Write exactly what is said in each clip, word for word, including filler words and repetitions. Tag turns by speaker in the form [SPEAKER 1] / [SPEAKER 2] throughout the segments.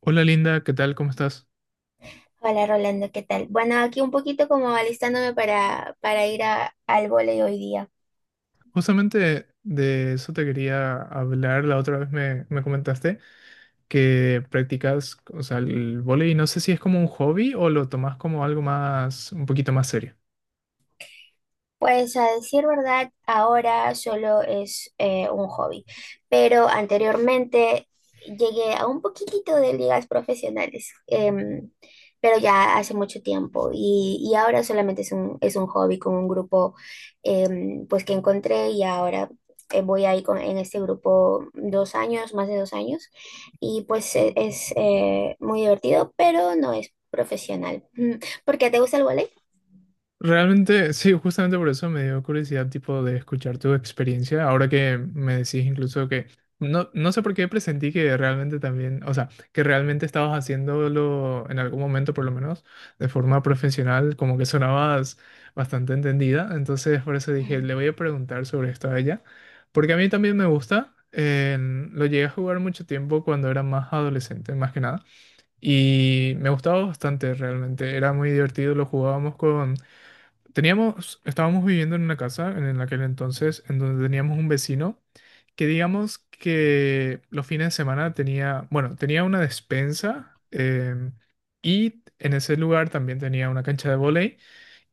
[SPEAKER 1] Hola Linda, ¿qué tal? ¿Cómo estás?
[SPEAKER 2] Hola Rolando, ¿qué tal? Bueno, aquí un poquito como alistándome para, para ir a- al vóley hoy día.
[SPEAKER 1] Justamente de eso te quería hablar. La otra vez me, me comentaste que practicas, o sea, el vóley. No sé si es como un hobby o lo tomas como algo más, un poquito más serio.
[SPEAKER 2] Pues a decir verdad, ahora solo es eh, un hobby, pero anteriormente llegué a un poquitito de ligas profesionales, em, pero ya hace mucho tiempo y, y ahora solamente es un, es un hobby con un grupo em, pues que encontré y ahora eh, voy ahí con, en este grupo dos años, más de dos años y pues e- es, eh, muy divertido, pero no es profesional. Mm, ¿Por qué te gusta el vóley?
[SPEAKER 1] Realmente, sí, justamente por eso me dio curiosidad, tipo, de escuchar tu experiencia. Ahora que me decís incluso que no, no sé por qué presentí que realmente también, o sea, que realmente estabas haciéndolo en algún momento, por lo menos, de forma profesional, como que sonabas bastante entendida. Entonces, por eso dije, le voy a preguntar sobre esto a ella, porque a mí también me gusta. Eh, lo llegué a jugar mucho tiempo cuando era más adolescente, más que nada. Y me gustaba bastante realmente. Era muy divertido, lo jugábamos con. Teníamos, estábamos viviendo en una casa en aquel entonces en donde teníamos un vecino que digamos que los fines de semana tenía, bueno, tenía una despensa em, y en ese lugar también tenía una cancha de vóley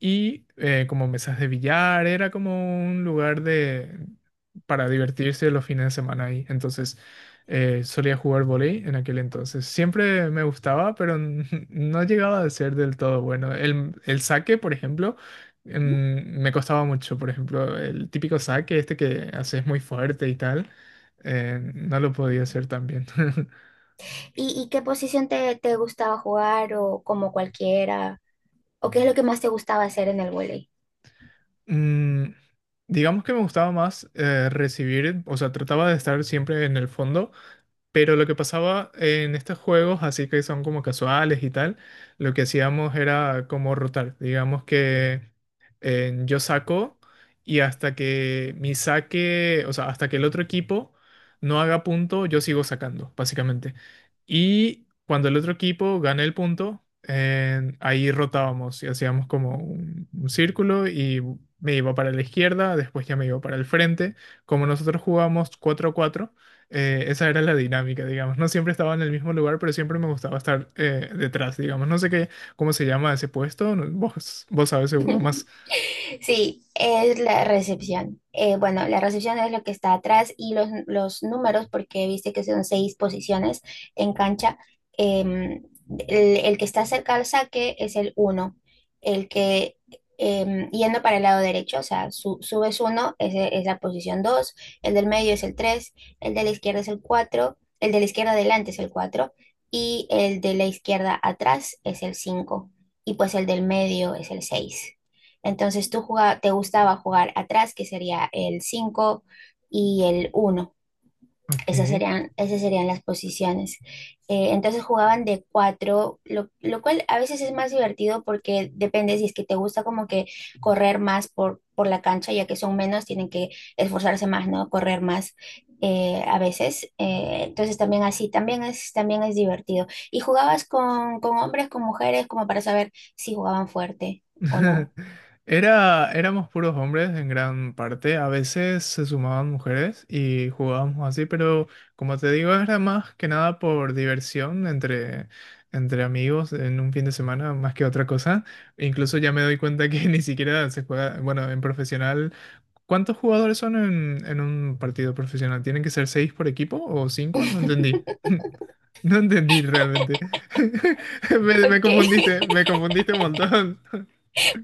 [SPEAKER 1] y eh, como mesas de billar, era como un lugar de, para divertirse los fines de semana ahí. Entonces eh, solía jugar vóley en aquel entonces. Siempre me gustaba, pero n- no llegaba a ser del todo bueno. El, el saque, por ejemplo, mm, me costaba mucho. Por ejemplo, el típico saque, este que haces muy fuerte y tal, eh, no lo podía hacer tan bien.
[SPEAKER 2] ¿Y, y qué posición te, te gustaba jugar o como cualquiera? ¿O qué es lo que más te gustaba hacer en el vóley?
[SPEAKER 1] Mm, digamos que me gustaba más eh, recibir, o sea, trataba de estar siempre en el fondo. Pero lo que pasaba en estos juegos, así que son como casuales y tal, lo que hacíamos era como rotar. Digamos que eh, yo saco y hasta que mi saque, o sea, hasta que el otro equipo no haga punto, yo sigo sacando, básicamente. Y cuando el otro equipo gane el punto, eh, ahí rotábamos y hacíamos como un, un círculo y me iba para la izquierda, después ya me iba para el frente. Como nosotros jugamos cuatro a cuatro, eh, esa era la dinámica, digamos. No siempre estaba en el mismo lugar, pero siempre me gustaba estar eh, detrás, digamos. No sé qué, cómo se llama ese puesto. no- Vos, vos sabes seguro más.
[SPEAKER 2] Sí, es la recepción. Eh, bueno, la recepción es lo que está atrás y los, los, números, porque viste que son seis posiciones en cancha. em, el, el que está cerca al saque es el uno, el que em, yendo para el lado derecho, o sea, su- subes uno, ese es la posición dos, el del medio es el tres, el de la izquierda es el cuatro, el de la izquierda adelante es el cuatro y el de la izquierda atrás es el cinco y pues el del medio es el seis. Entonces tú jugaba- te gustaba jugar atrás, que sería el cinco y el uno. Esas
[SPEAKER 1] Ok.
[SPEAKER 2] serían, esas serían las posiciones. Eh, entonces jugaban de cuatro, lo, lo cual a veces es más divertido porque depende si es que te gusta como que correr más por, por la cancha, ya que son menos, tienen que esforzarse más, ¿no? Correr más. Eh, a veces, Eh, entonces también así, también es, también es divertido. ¿Y jugabas con, con, hombres, con mujeres, como para saber si jugaban fuerte o no?
[SPEAKER 1] Era, éramos puros hombres en gran parte. A veces se sumaban mujeres y jugábamos así, pero como te digo, era más que nada por diversión entre, entre amigos en un fin de semana, más que otra cosa. Incluso ya me doy cuenta que ni siquiera se juega, bueno, en profesional. ¿Cuántos jugadores son en, en un partido profesional? ¿Tienen que ser seis por equipo o cinco? No entendí. No entendí realmente. Me, me
[SPEAKER 2] Ok.
[SPEAKER 1] confundiste, me confundiste un montón.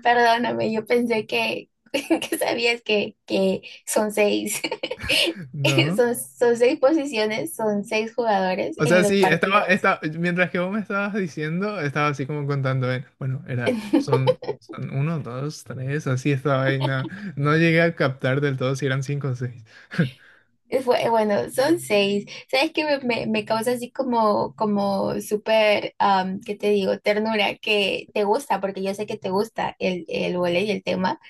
[SPEAKER 2] Perdóname, yo pensé que, que, sabías que, que son seis.
[SPEAKER 1] No.
[SPEAKER 2] Son, son seis posiciones, son seis jugadores
[SPEAKER 1] O
[SPEAKER 2] en
[SPEAKER 1] sea,
[SPEAKER 2] los
[SPEAKER 1] sí, estaba,
[SPEAKER 2] partidos.
[SPEAKER 1] estaba, mientras que vos me estabas diciendo, estaba así como contando, eh, bueno, era, son, son uno, dos, tres, así estaba ahí, no, no llegué a captar del todo si eran cinco o seis.
[SPEAKER 2] Fue- Bueno, son seis. ¿Sabes qué me, me- me causa así como, como súper, am, ¿qué te digo? Ternura, que te gusta, porque yo sé que te gusta el, el vóley y el tema,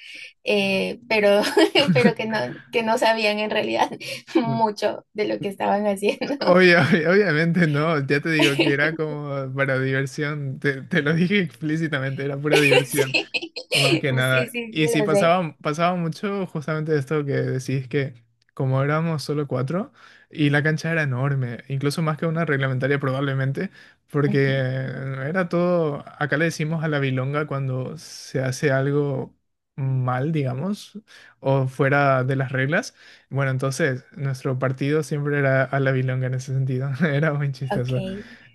[SPEAKER 2] eh, pero, pero que no, que no sabían en realidad mucho de lo que estaban haciendo.
[SPEAKER 1] Obvia- obvia- obviamente no, ya te digo que era como para diversión, te, te lo dije explícitamente, era pura diversión.
[SPEAKER 2] Sí,
[SPEAKER 1] Más que
[SPEAKER 2] pues sí,
[SPEAKER 1] nada.
[SPEAKER 2] sí, sí,
[SPEAKER 1] Y sí,
[SPEAKER 2] lo sé.
[SPEAKER 1] pasaba, pasaba mucho justamente esto que decís que como éramos solo cuatro y la cancha era enorme, incluso más que una reglamentaria probablemente, porque
[SPEAKER 2] Ujú.
[SPEAKER 1] era todo, acá le decimos a la bilonga cuando se hace algo mal, digamos, o fuera de las reglas. Bueno, entonces nuestro partido siempre era a la bilonga en ese sentido, era muy
[SPEAKER 2] Ok.
[SPEAKER 1] chistoso.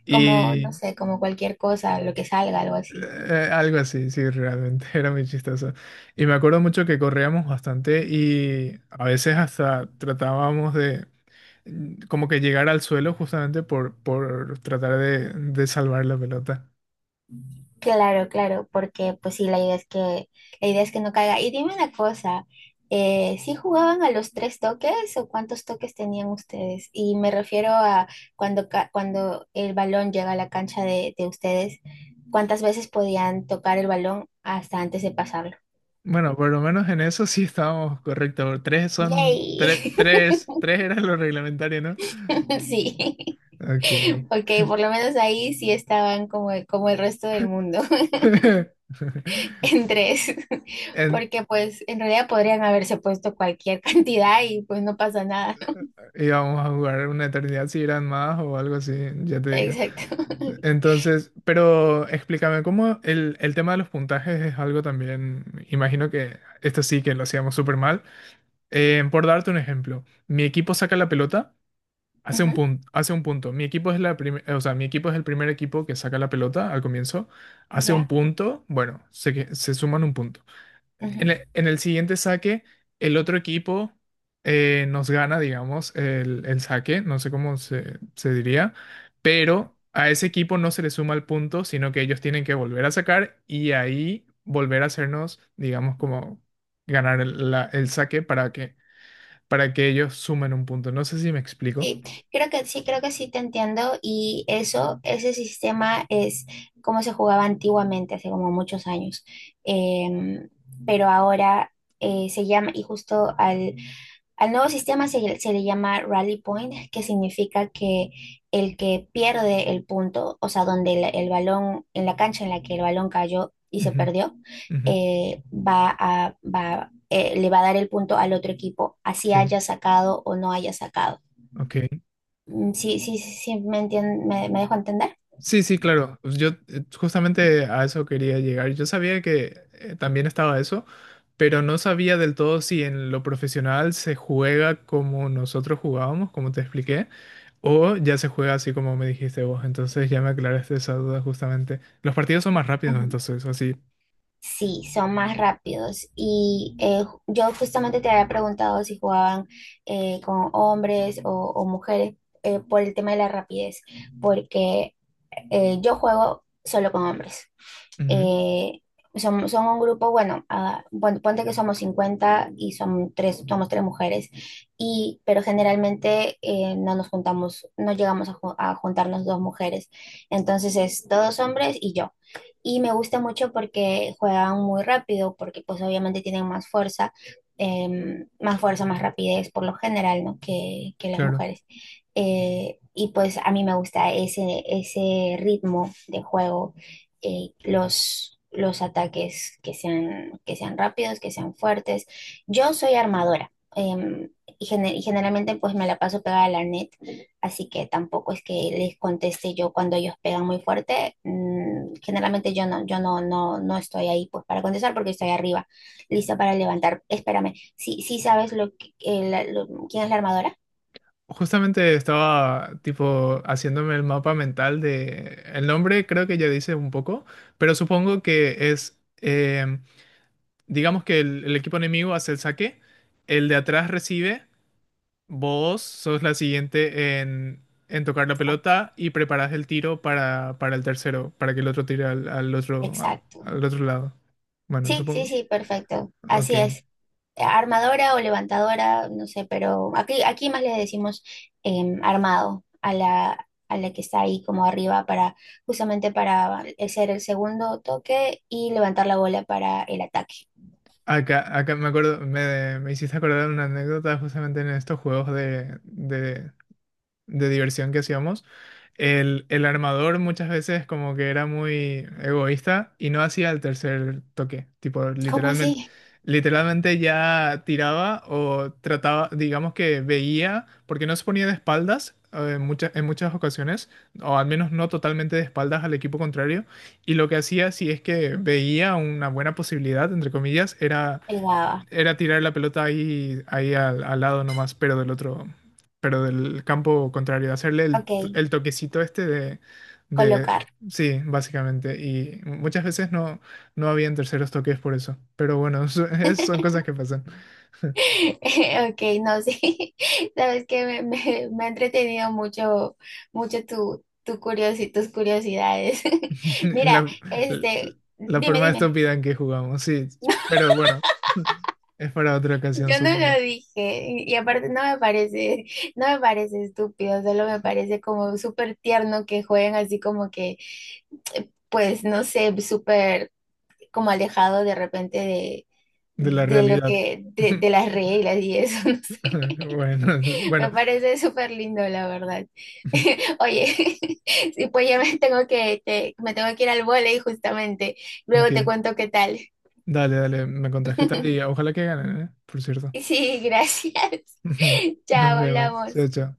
[SPEAKER 2] Como, no sé, como cualquier cosa, lo que salga, algo así.
[SPEAKER 1] Eh, algo así, sí, realmente era muy chistoso. Y me acuerdo mucho que corríamos bastante y a veces hasta tratábamos de mm, como que llegar al suelo justamente por, por tratar de, de salvar la pelota.
[SPEAKER 2] Claro, claro, porque pues sí, la idea es que, la idea es que no caiga. Y dime una cosa, eh, ¿sí jugaban a los tres toques o cuántos toques tenían ustedes? Y me refiero a cuando, ca- cuando el balón llega a la cancha de, de ustedes, ¿cuántas veces podían tocar el balón hasta antes de pasarlo?
[SPEAKER 1] Bueno, por lo menos en eso sí estábamos correctos. Tres son, tres,
[SPEAKER 2] ¡Yay!
[SPEAKER 1] tres, tres era lo reglamentario, ¿no?
[SPEAKER 2] Sí.
[SPEAKER 1] Ok.
[SPEAKER 2] Ok, por lo menos ahí sí estaban como, como, el resto del mundo, en tres,
[SPEAKER 1] En,
[SPEAKER 2] porque pues en realidad podrían haberse puesto cualquier cantidad y pues no pasa nada.
[SPEAKER 1] íbamos a jugar una eternidad si eran más o algo así, ya te digo.
[SPEAKER 2] Exacto.
[SPEAKER 1] Entonces, pero explícame, ¿cómo el, el tema de los puntajes es algo también? Imagino que esto sí que lo hacíamos súper mal. Eh, por darte un ejemplo, mi equipo saca la pelota, hace un
[SPEAKER 2] Ujú.
[SPEAKER 1] punto, hace un punto. Mi equipo es la prim- o sea, mi equipo es el primer equipo que saca la pelota al comienzo, hace un
[SPEAKER 2] Ya.
[SPEAKER 1] punto, bueno, se, que- se suman un punto. En
[SPEAKER 2] Ujú.
[SPEAKER 1] el, en el siguiente saque, el otro equipo eh, nos gana, digamos, el, el saque, no sé cómo se, se diría, pero a ese equipo no se le suma el punto, sino que ellos tienen que volver a sacar y ahí volver a hacernos, digamos, como ganar el, la- el saque para que, para que ellos sumen un punto. No sé si me explico.
[SPEAKER 2] Sí, creo que sí, creo que sí te entiendo y eso, ese sistema es como se jugaba antiguamente, hace como muchos años. Em, pero ahora eh, se llama, y justo al Al nuevo sistema se, se le llama Rally Point, que significa que el que pierde el punto, o sea, donde el, el balón, en la cancha en la que el balón cayó y se
[SPEAKER 1] Ujú,
[SPEAKER 2] perdió,
[SPEAKER 1] ujú,
[SPEAKER 2] eh, va a, va, eh, le va a dar el punto al otro equipo, así
[SPEAKER 1] ok,
[SPEAKER 2] haya sacado o no haya sacado.
[SPEAKER 1] ok.
[SPEAKER 2] Mm, Sí, sí, sí, sí, me entien- me, me dejo entender.
[SPEAKER 1] Sí, sí, claro. Pues yo eh, justamente a eso quería llegar. Yo sabía que eh, también estaba eso, pero no sabía del todo si en lo profesional se juega como nosotros jugábamos, como te expliqué, o ya se juega así como me dijiste vos. Entonces ya me aclaraste esa duda justamente. Los partidos son más rápidos, entonces, así.
[SPEAKER 2] Sí, son más rápidos. Y eh, ju- yo justamente te había preguntado si jugaban eh, con hombres o, o mujeres, eh, por el tema de la rapidez, porque eh, yo juego solo con hombres,
[SPEAKER 1] Ujú,
[SPEAKER 2] eh, son, son, un grupo, bueno, ah, pon- ponte que somos cincuenta y son tres, somos tres mujeres, y, pero generalmente eh, no nos juntamos, no llegamos a, ju- a juntarnos dos mujeres. Entonces es todos hombres y yo. Y me gusta mucho porque juegan muy rápido, porque pues obviamente tienen más fuerza, em, más fuerza, más rapidez por lo general, ¿no? que, que las
[SPEAKER 1] claro.
[SPEAKER 2] mujeres. Eh, y pues a mí me gusta ese, ese, ritmo de juego, eh, los, los, ataques que sean, que sean rápidos, que sean fuertes. Yo soy armadora, em, y, gene- y generalmente pues me la paso pegada a la net, así que tampoco es que les conteste yo cuando ellos pegan muy fuerte. Mm, generalmente yo no, yo no, no, no estoy ahí pues para contestar porque estoy arriba, lista para levantar. Espérame, ¿sí, sí sabes lo que, eh, la- lo- quién es la armadora?
[SPEAKER 1] Justamente estaba tipo haciéndome el mapa mental de... El nombre creo que ya dice un poco, pero supongo que es... em, digamos que el, el equipo enemigo hace el saque, el de atrás recibe, vos sos la siguiente en, en tocar la pelota y preparás el tiro para, para el tercero, para que el otro tire al, al otro, a-
[SPEAKER 2] Exacto.
[SPEAKER 1] al otro lado. Bueno,
[SPEAKER 2] Sí, sí,
[SPEAKER 1] supongo.
[SPEAKER 2] sí, perfecto. Así
[SPEAKER 1] Ok.
[SPEAKER 2] es. Armadora o levantadora, no sé, pero aquí, aquí, más le decimos, em, armado a la, a la que está ahí como arriba para, justamente para hacer el segundo toque y levantar la bola para el ataque.
[SPEAKER 1] Acá, acá me acuerdo, me, me hiciste acordar una anécdota justamente en estos juegos de, de, de diversión que hacíamos, el, el armador muchas veces como que era muy egoísta y no hacía el tercer toque. Tipo,
[SPEAKER 2] ¿Cómo
[SPEAKER 1] literalmente,
[SPEAKER 2] así?
[SPEAKER 1] literalmente ya tiraba o trataba, digamos que veía, porque no se ponía de espaldas. eh, En muchas, en muchas ocasiones, o al menos no totalmente de espaldas al equipo contrario, y lo que hacía si es que veía una buena posibilidad, entre comillas, era
[SPEAKER 2] El baba.
[SPEAKER 1] era tirar la pelota ahí, ahí al, al lado nomás, pero del otro, pero del campo contrario, hacerle el,
[SPEAKER 2] Ok,
[SPEAKER 1] t- el toquecito este de, de,
[SPEAKER 2] colocar.
[SPEAKER 1] sí, básicamente. Y muchas veces no, no habían terceros toques por eso. Pero bueno, so- es- son cosas que pasan.
[SPEAKER 2] Ok, no, sí. Sabes que me, me- me ha entretenido mucho, mucho, tu, tu curiosi- tus curiosidades. Mira,
[SPEAKER 1] La, la,
[SPEAKER 2] este,
[SPEAKER 1] la
[SPEAKER 2] dime,
[SPEAKER 1] forma
[SPEAKER 2] dime.
[SPEAKER 1] estúpida en que jugamos, sí. Pero bueno, es para otra ocasión,
[SPEAKER 2] Yo no
[SPEAKER 1] supongo,
[SPEAKER 2] lo dije, y y aparte no me parece, no me parece estúpido, solo me parece como súper tierno que jueguen así como que, pues no sé, súper como alejado de repente de,
[SPEAKER 1] de la
[SPEAKER 2] de lo
[SPEAKER 1] realidad.
[SPEAKER 2] que, de, de las reglas y eso, no sé.
[SPEAKER 1] Bueno,
[SPEAKER 2] Me
[SPEAKER 1] bueno,
[SPEAKER 2] parece súper lindo, la verdad. Oye. Sí, pues ya me tengo que, te- me tengo que ir al vóley justamente.
[SPEAKER 1] ok.
[SPEAKER 2] Luego te cuento qué tal.
[SPEAKER 1] Dale, dale, me contás qué tal y ojalá que ganen, ¿eh? Por cierto.
[SPEAKER 2] Sí, gracias. Chao,
[SPEAKER 1] Nos vemos. Chao,
[SPEAKER 2] hablamos.
[SPEAKER 1] chao.